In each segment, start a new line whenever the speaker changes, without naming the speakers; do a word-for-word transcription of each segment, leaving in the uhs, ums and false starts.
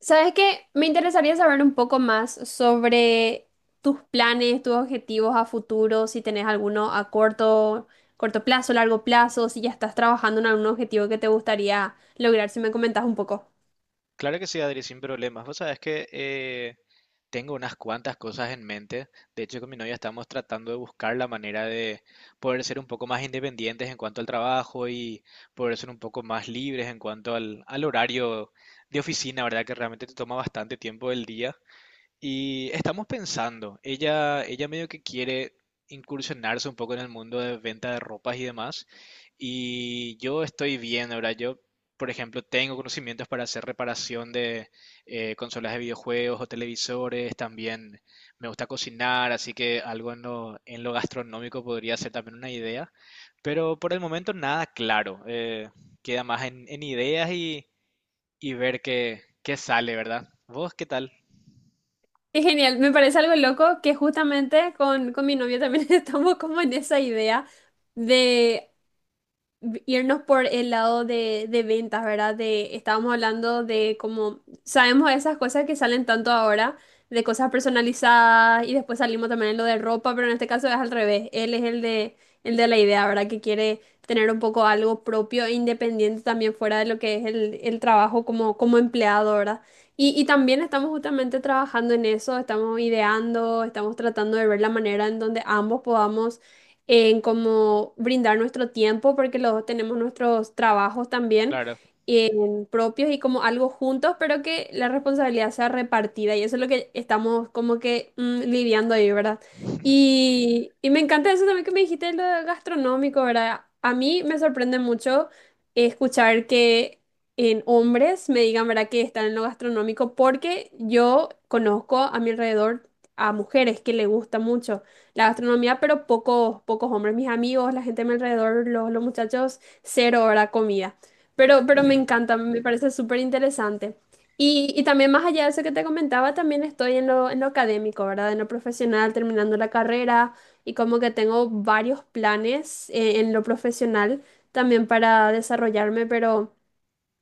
¿Sabes qué? Me interesaría saber un poco más sobre tus planes, tus objetivos a futuro, si tenés alguno a corto, corto plazo, largo plazo, si ya estás trabajando en algún objetivo que te gustaría lograr, si me comentas un poco.
Claro que sí, Adri, sin problemas. Vos sabés que eh, tengo unas cuantas cosas en mente. De hecho, con mi novia estamos tratando de buscar la manera de poder ser un poco más independientes en cuanto al trabajo y poder ser un poco más libres en cuanto al, al horario de oficina, ¿verdad? Que realmente te toma bastante tiempo del día. Y estamos pensando, ella, ella medio que quiere incursionarse un poco en el mundo de venta de ropas y demás. Y yo estoy bien, ahora yo, por ejemplo, tengo conocimientos para hacer reparación de eh, consolas de videojuegos o televisores, también me gusta cocinar, así que algo en lo, en lo gastronómico podría ser también una idea. Pero por el momento nada claro, eh, queda más en, en ideas y, y ver qué, qué sale, ¿verdad? ¿Vos qué tal?
Es genial, me parece algo loco que justamente con, con mi novio también estamos como en esa idea de v- irnos por el lado de, de ventas, ¿verdad? De, estábamos hablando de cómo sabemos esas cosas que salen tanto ahora, de cosas personalizadas y después salimos también en lo de ropa, pero en este caso es al revés. Él es el de, el de la idea, ¿verdad? Que quiere tener un poco algo propio e independiente también fuera de lo que es el, el trabajo como, como empleado, ¿verdad? Y, y también estamos justamente trabajando en eso, estamos ideando, estamos tratando de ver la manera en donde ambos podamos en cómo brindar nuestro tiempo, porque los dos tenemos nuestros trabajos también
Claro.
en propios y como algo juntos, pero que la responsabilidad sea repartida y eso es lo que estamos como que mm, lidiando ahí, ¿verdad? Y, y me encanta eso también que me dijiste lo gastronómico, ¿verdad? A mí me sorprende mucho escuchar que en hombres me digan, ¿verdad?, que están en lo gastronómico porque yo conozco a mi alrededor a mujeres que le gusta mucho la gastronomía, pero pocos, pocos hombres. Mis amigos, la gente a mi alrededor, los, los muchachos, cero hora comida. Pero, pero me encanta, me parece súper interesante. Y, y también más allá de eso que te comentaba, también estoy en lo, en lo académico, ¿verdad? En lo profesional, terminando la carrera y como que tengo varios planes eh, en lo profesional también para desarrollarme, pero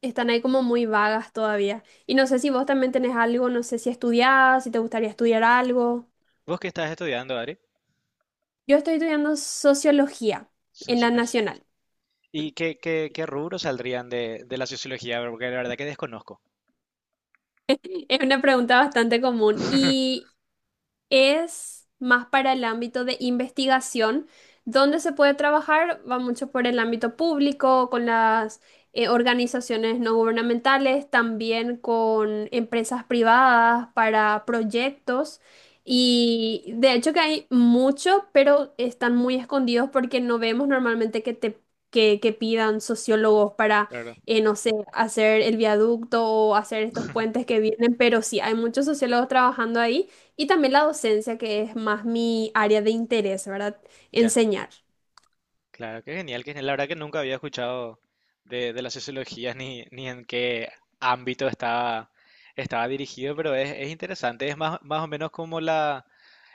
están ahí como muy vagas todavía. Y no sé si vos también tenés algo, no sé si estudiás, si te gustaría estudiar algo.
¿Vos qué estás estudiando, Ari?
Yo estoy estudiando sociología en la
Sociología.
nacional.
¿Y qué, qué, qué rubros saldrían de, de la sociología? Porque la verdad que desconozco.
Es una pregunta bastante común y es más para el ámbito de investigación, donde se puede trabajar, va mucho por el ámbito público, con las eh, organizaciones no gubernamentales, también con empresas privadas para proyectos. Y de hecho que hay mucho, pero están muy escondidos porque no vemos normalmente que te que, que pidan sociólogos para,
Claro.
eh, no sé, hacer el viaducto o hacer estos puentes que vienen, pero sí, hay muchos sociólogos trabajando ahí. Y también la docencia, que es más mi área de interés, ¿verdad?
Ya,
Enseñar.
claro, qué genial. Que La verdad que nunca había escuchado de, de la sociología ni, ni en qué ámbito estaba, estaba dirigido, pero es, es interesante. Es más, más o menos como la...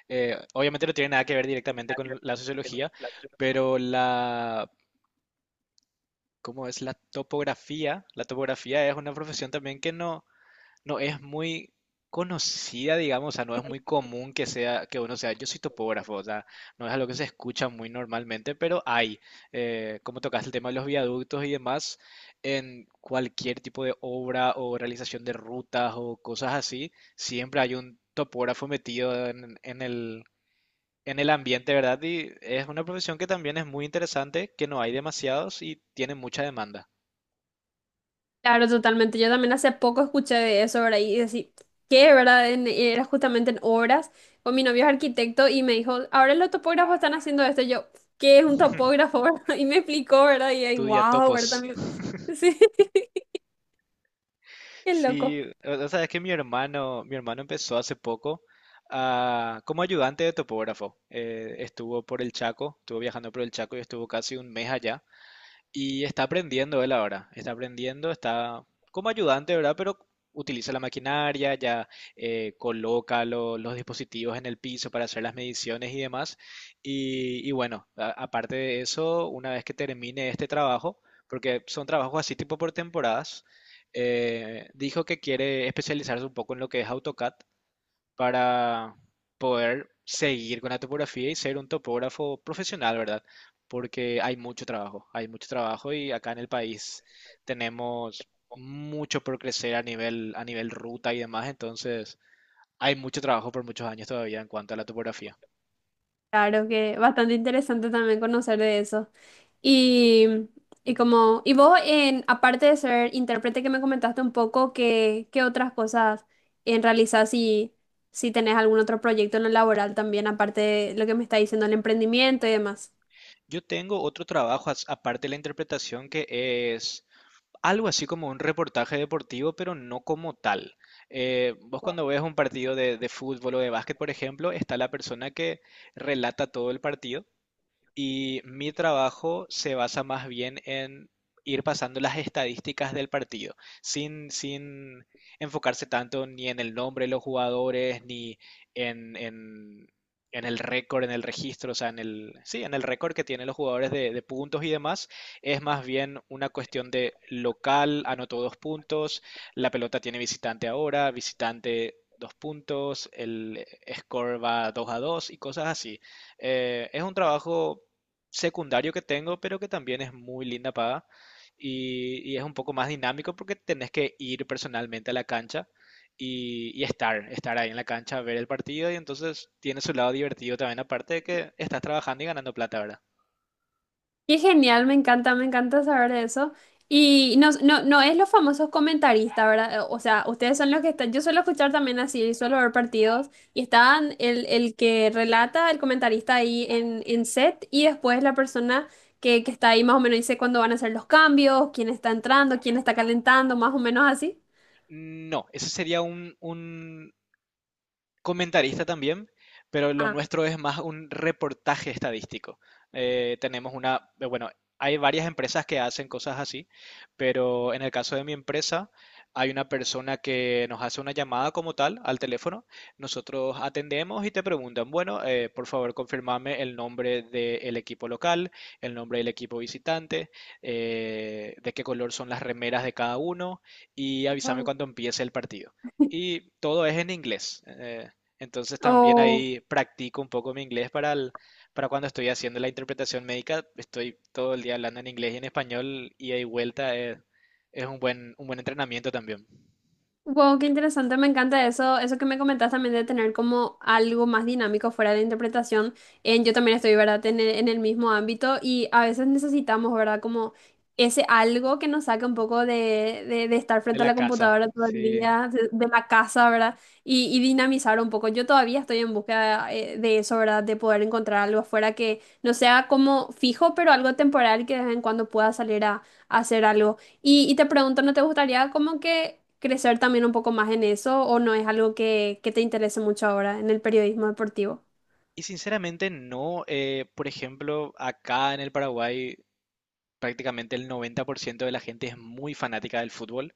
eh, obviamente no tiene nada que ver directamente con la sociología, pero la... ¿Cómo es la topografía? La topografía es una profesión también que no no es muy conocida, digamos, o sea, no es muy común que sea, que uno sea, yo soy topógrafo, o sea, no es algo que se escucha muy normalmente, pero hay, eh, como tocaste el tema de los viaductos y demás, en cualquier tipo de obra o realización de rutas o cosas así, siempre hay un topógrafo metido en, en el, en el ambiente, ¿verdad? Y es una profesión que también es muy interesante, que no hay demasiados y tiene mucha demanda.
Claro, totalmente. Yo también hace poco escuché de eso, ¿verdad? Y decir, ¿qué, verdad? En- era justamente en obras, con mi novio es arquitecto y me dijo, ahora los topógrafos están haciendo esto. Y yo, ¿qué es un topógrafo? Y me explicó, ¿verdad? Y ahí,
Tú ya
wow, ¿verdad?
topos.
También. Sí, qué loco.
Sí, o o sea, es que mi hermano, mi hermano empezó hace poco ah, como ayudante de topógrafo. Eh, estuvo por el Chaco, estuvo viajando por el Chaco y estuvo casi un mes allá. Y está aprendiendo él ahora, está aprendiendo, está como ayudante, ¿verdad? Pero utiliza la maquinaria, ya eh, coloca lo- los dispositivos en el piso para hacer las mediciones y demás. Y, y bueno, a- aparte de eso, una vez que termine este trabajo, porque son trabajos así tipo por temporadas, eh, dijo que quiere especializarse un poco en lo que es AutoCAD para poder seguir con la topografía y ser un topógrafo profesional, ¿verdad? Porque hay mucho trabajo, hay mucho trabajo y acá en el país tenemos mucho por crecer a nivel, a nivel ruta y demás, entonces hay mucho trabajo por muchos años todavía en cuanto a la topografía.
Claro que bastante interesante también conocer de eso. Y, y como, y vos, en, aparte de ser intérprete que me comentaste un poco, ¿qué, ¿qué otras cosas en realizar si, si tenés algún otro proyecto en lo laboral también, aparte de lo que me está diciendo el emprendimiento y demás?
Yo tengo otro trabajo as- aparte de la interpretación que es algo así como un reportaje deportivo, pero no como tal. Eh, vos cuando ves un partido de, de fútbol o de básquet, por ejemplo, está la persona que relata todo el partido y mi trabajo se basa más bien en ir pasando las estadísticas del partido, sin, sin enfocarse tanto ni en el nombre de los jugadores, ni en, en, en el récord, en el registro, o sea, en el, sí, en el récord que tienen los jugadores de, de puntos y demás. Es más bien una cuestión de local, anotó dos puntos, la pelota tiene visitante ahora, visitante dos puntos, el score va dos a dos y cosas así. Eh, es un trabajo secundario que tengo, pero que también es muy linda paga y, y es un poco más dinámico porque tenés que ir personalmente a la cancha y, y estar, estar ahí en la cancha, ver el partido y entonces tiene su lado divertido también, aparte de que estás trabajando y ganando plata, ¿verdad?
Qué genial, me encanta, me encanta saber de eso. Y no, no, no es los famosos comentaristas, ¿verdad? Eh, O sea, ustedes son los que están, yo suelo escuchar también así, suelo ver partidos y están el, el que relata, el comentarista ahí en, en set y después la persona que, que está ahí más o menos dice cuándo van a hacer los cambios, quién está entrando, quién está calentando, más o menos así.
No, ese sería un, comentarista también, pero lo
Ah,
nuestro es más un reportaje estadístico. Eh, tenemos una, eh, bueno, hay varias empresas que hacen cosas así, pero en el caso de mi empresa hay una persona que nos hace una llamada como tal al teléfono. Nosotros atendemos y te preguntan, bueno, eh, por favor, confirmame el nombre del equipo local, el nombre del equipo visitante, eh, de qué color son las remeras de cada uno y avísame cuando empiece el partido. Y todo es en inglés. Eh, entonces también
wow.
ahí practico un poco mi inglés para el- para cuando estoy haciendo la interpretación médica, estoy todo el día hablando en inglés y en español, y ahí vuelta es, es un buen, un buen entrenamiento también
Wow, qué interesante, me encanta eso, eso que me comentas también de tener como algo más dinámico fuera de interpretación. En, yo también estoy, ¿verdad?, en el, en el mismo ámbito y a veces necesitamos, ¿verdad?, como ese algo que nos saque un poco de, de, de estar
de
frente a
la
la
casa.
computadora todo el
Sí.
día, de, de la casa, ¿verdad?, y, y dinamizar un poco. Yo todavía estoy en búsqueda eh, de eso, ¿verdad?, de poder encontrar algo afuera que no sea como fijo, pero algo temporal que de vez en cuando pueda salir a a hacer algo. Y, y te pregunto, ¿no te gustaría como que crecer también un poco más en eso o no es algo que, que te interese mucho ahora en el periodismo deportivo?
Y sinceramente no, eh, por ejemplo, acá en el Paraguay prácticamente el noventa por ciento de la gente es muy fanática del fútbol.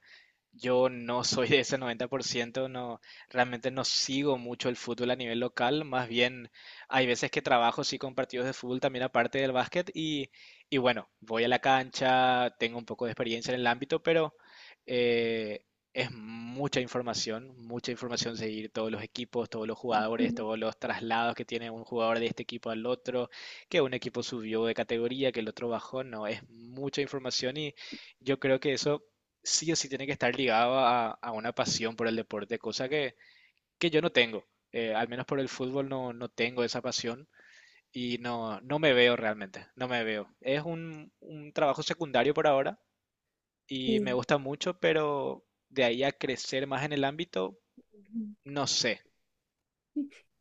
Yo no soy de ese noventa por ciento no, realmente no sigo mucho el fútbol a nivel local, más bien hay veces que trabajo sí con partidos de fútbol también aparte del básquet y, y bueno, voy a la cancha, tengo un poco de experiencia en el ámbito, pero eh, es mucha información, mucha información seguir todos los equipos, todos los jugadores,
Ujú.
todos los traslados que tiene un jugador de este equipo al otro, que un equipo subió de categoría, que el otro bajó, no, es mucha información y yo creo que eso sí o sí tiene que estar ligado a, a una pasión por el deporte, cosa que, que yo no tengo. Eh, al menos por el fútbol no, no tengo esa pasión y no, no me veo realmente, no me veo. Es un, un trabajo secundario por ahora y me
Sí.
gusta mucho, pero de ahí a crecer más en el ámbito, no sé,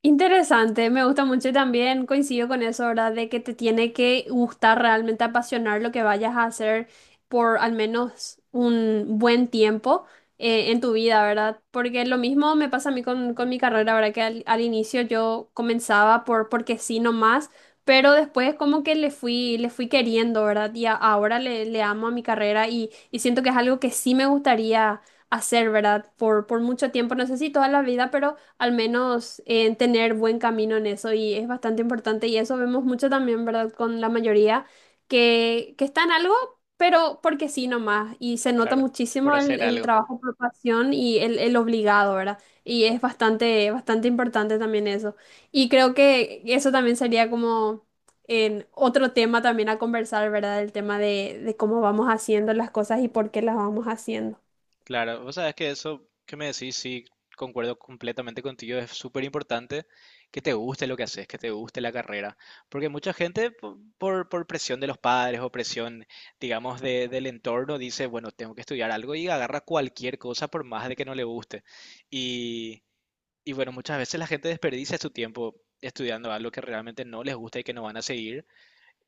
Interesante, me gusta mucho y también coincido con eso, ¿verdad? De que te tiene que gustar realmente apasionar lo que vayas a hacer por al menos un buen tiempo eh, en tu vida, ¿verdad? Porque lo mismo me pasa a mí con, con mi carrera, ¿verdad? Que al, al inicio yo comenzaba por porque sí nomás, pero después como que le fui, le fui queriendo, ¿verdad? Y a- ahora le, le amo a mi carrera y, y siento que es algo que sí me gustaría hacer, ¿verdad? Por, por mucho tiempo, no sé si toda la vida, pero al menos en tener buen camino en eso y es bastante importante y eso vemos mucho también, ¿verdad? Con la mayoría que, que está en algo, pero porque sí nomás y se nota
claro, por
muchísimo el,
hacer
el
algo.
trabajo por pasión y el, el obligado, ¿verdad? Y es bastante, bastante importante también eso. Y creo que eso también sería como en otro tema también a conversar, ¿verdad? El tema de, de cómo vamos haciendo las cosas y por qué las vamos haciendo.
Claro, vos sabés que eso que me decís, sí, concuerdo completamente contigo, es súper importante que te guste lo que haces, que te guste la carrera, porque mucha gente po- por, por presión de los padres o presión, digamos, de- del entorno dice, bueno, tengo que estudiar algo y agarra cualquier cosa por más de que no le guste. Y, y bueno, muchas veces la gente desperdicia su tiempo estudiando algo que realmente no les gusta y que no van a seguir.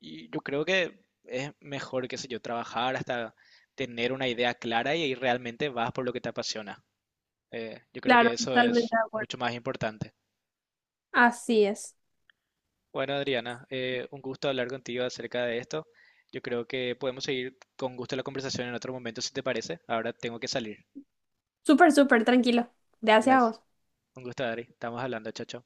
Y yo creo que es mejor, qué sé yo, trabajar hasta tener una idea clara y ahí realmente vas por lo que te apasiona. Eh, yo creo
Claro,
que eso
totalmente
es
de acuerdo.
mucho más importante.
Así es.
Bueno, Adriana, eh, un gusto hablar contigo acerca de esto. Yo creo que podemos seguir con gusto la conversación en otro momento, si te parece. Ahora tengo que salir.
Súper, súper tranquilo. Gracias a
Gracias.
vos.
Un gusto, Adri. Estamos hablando, chao, chao.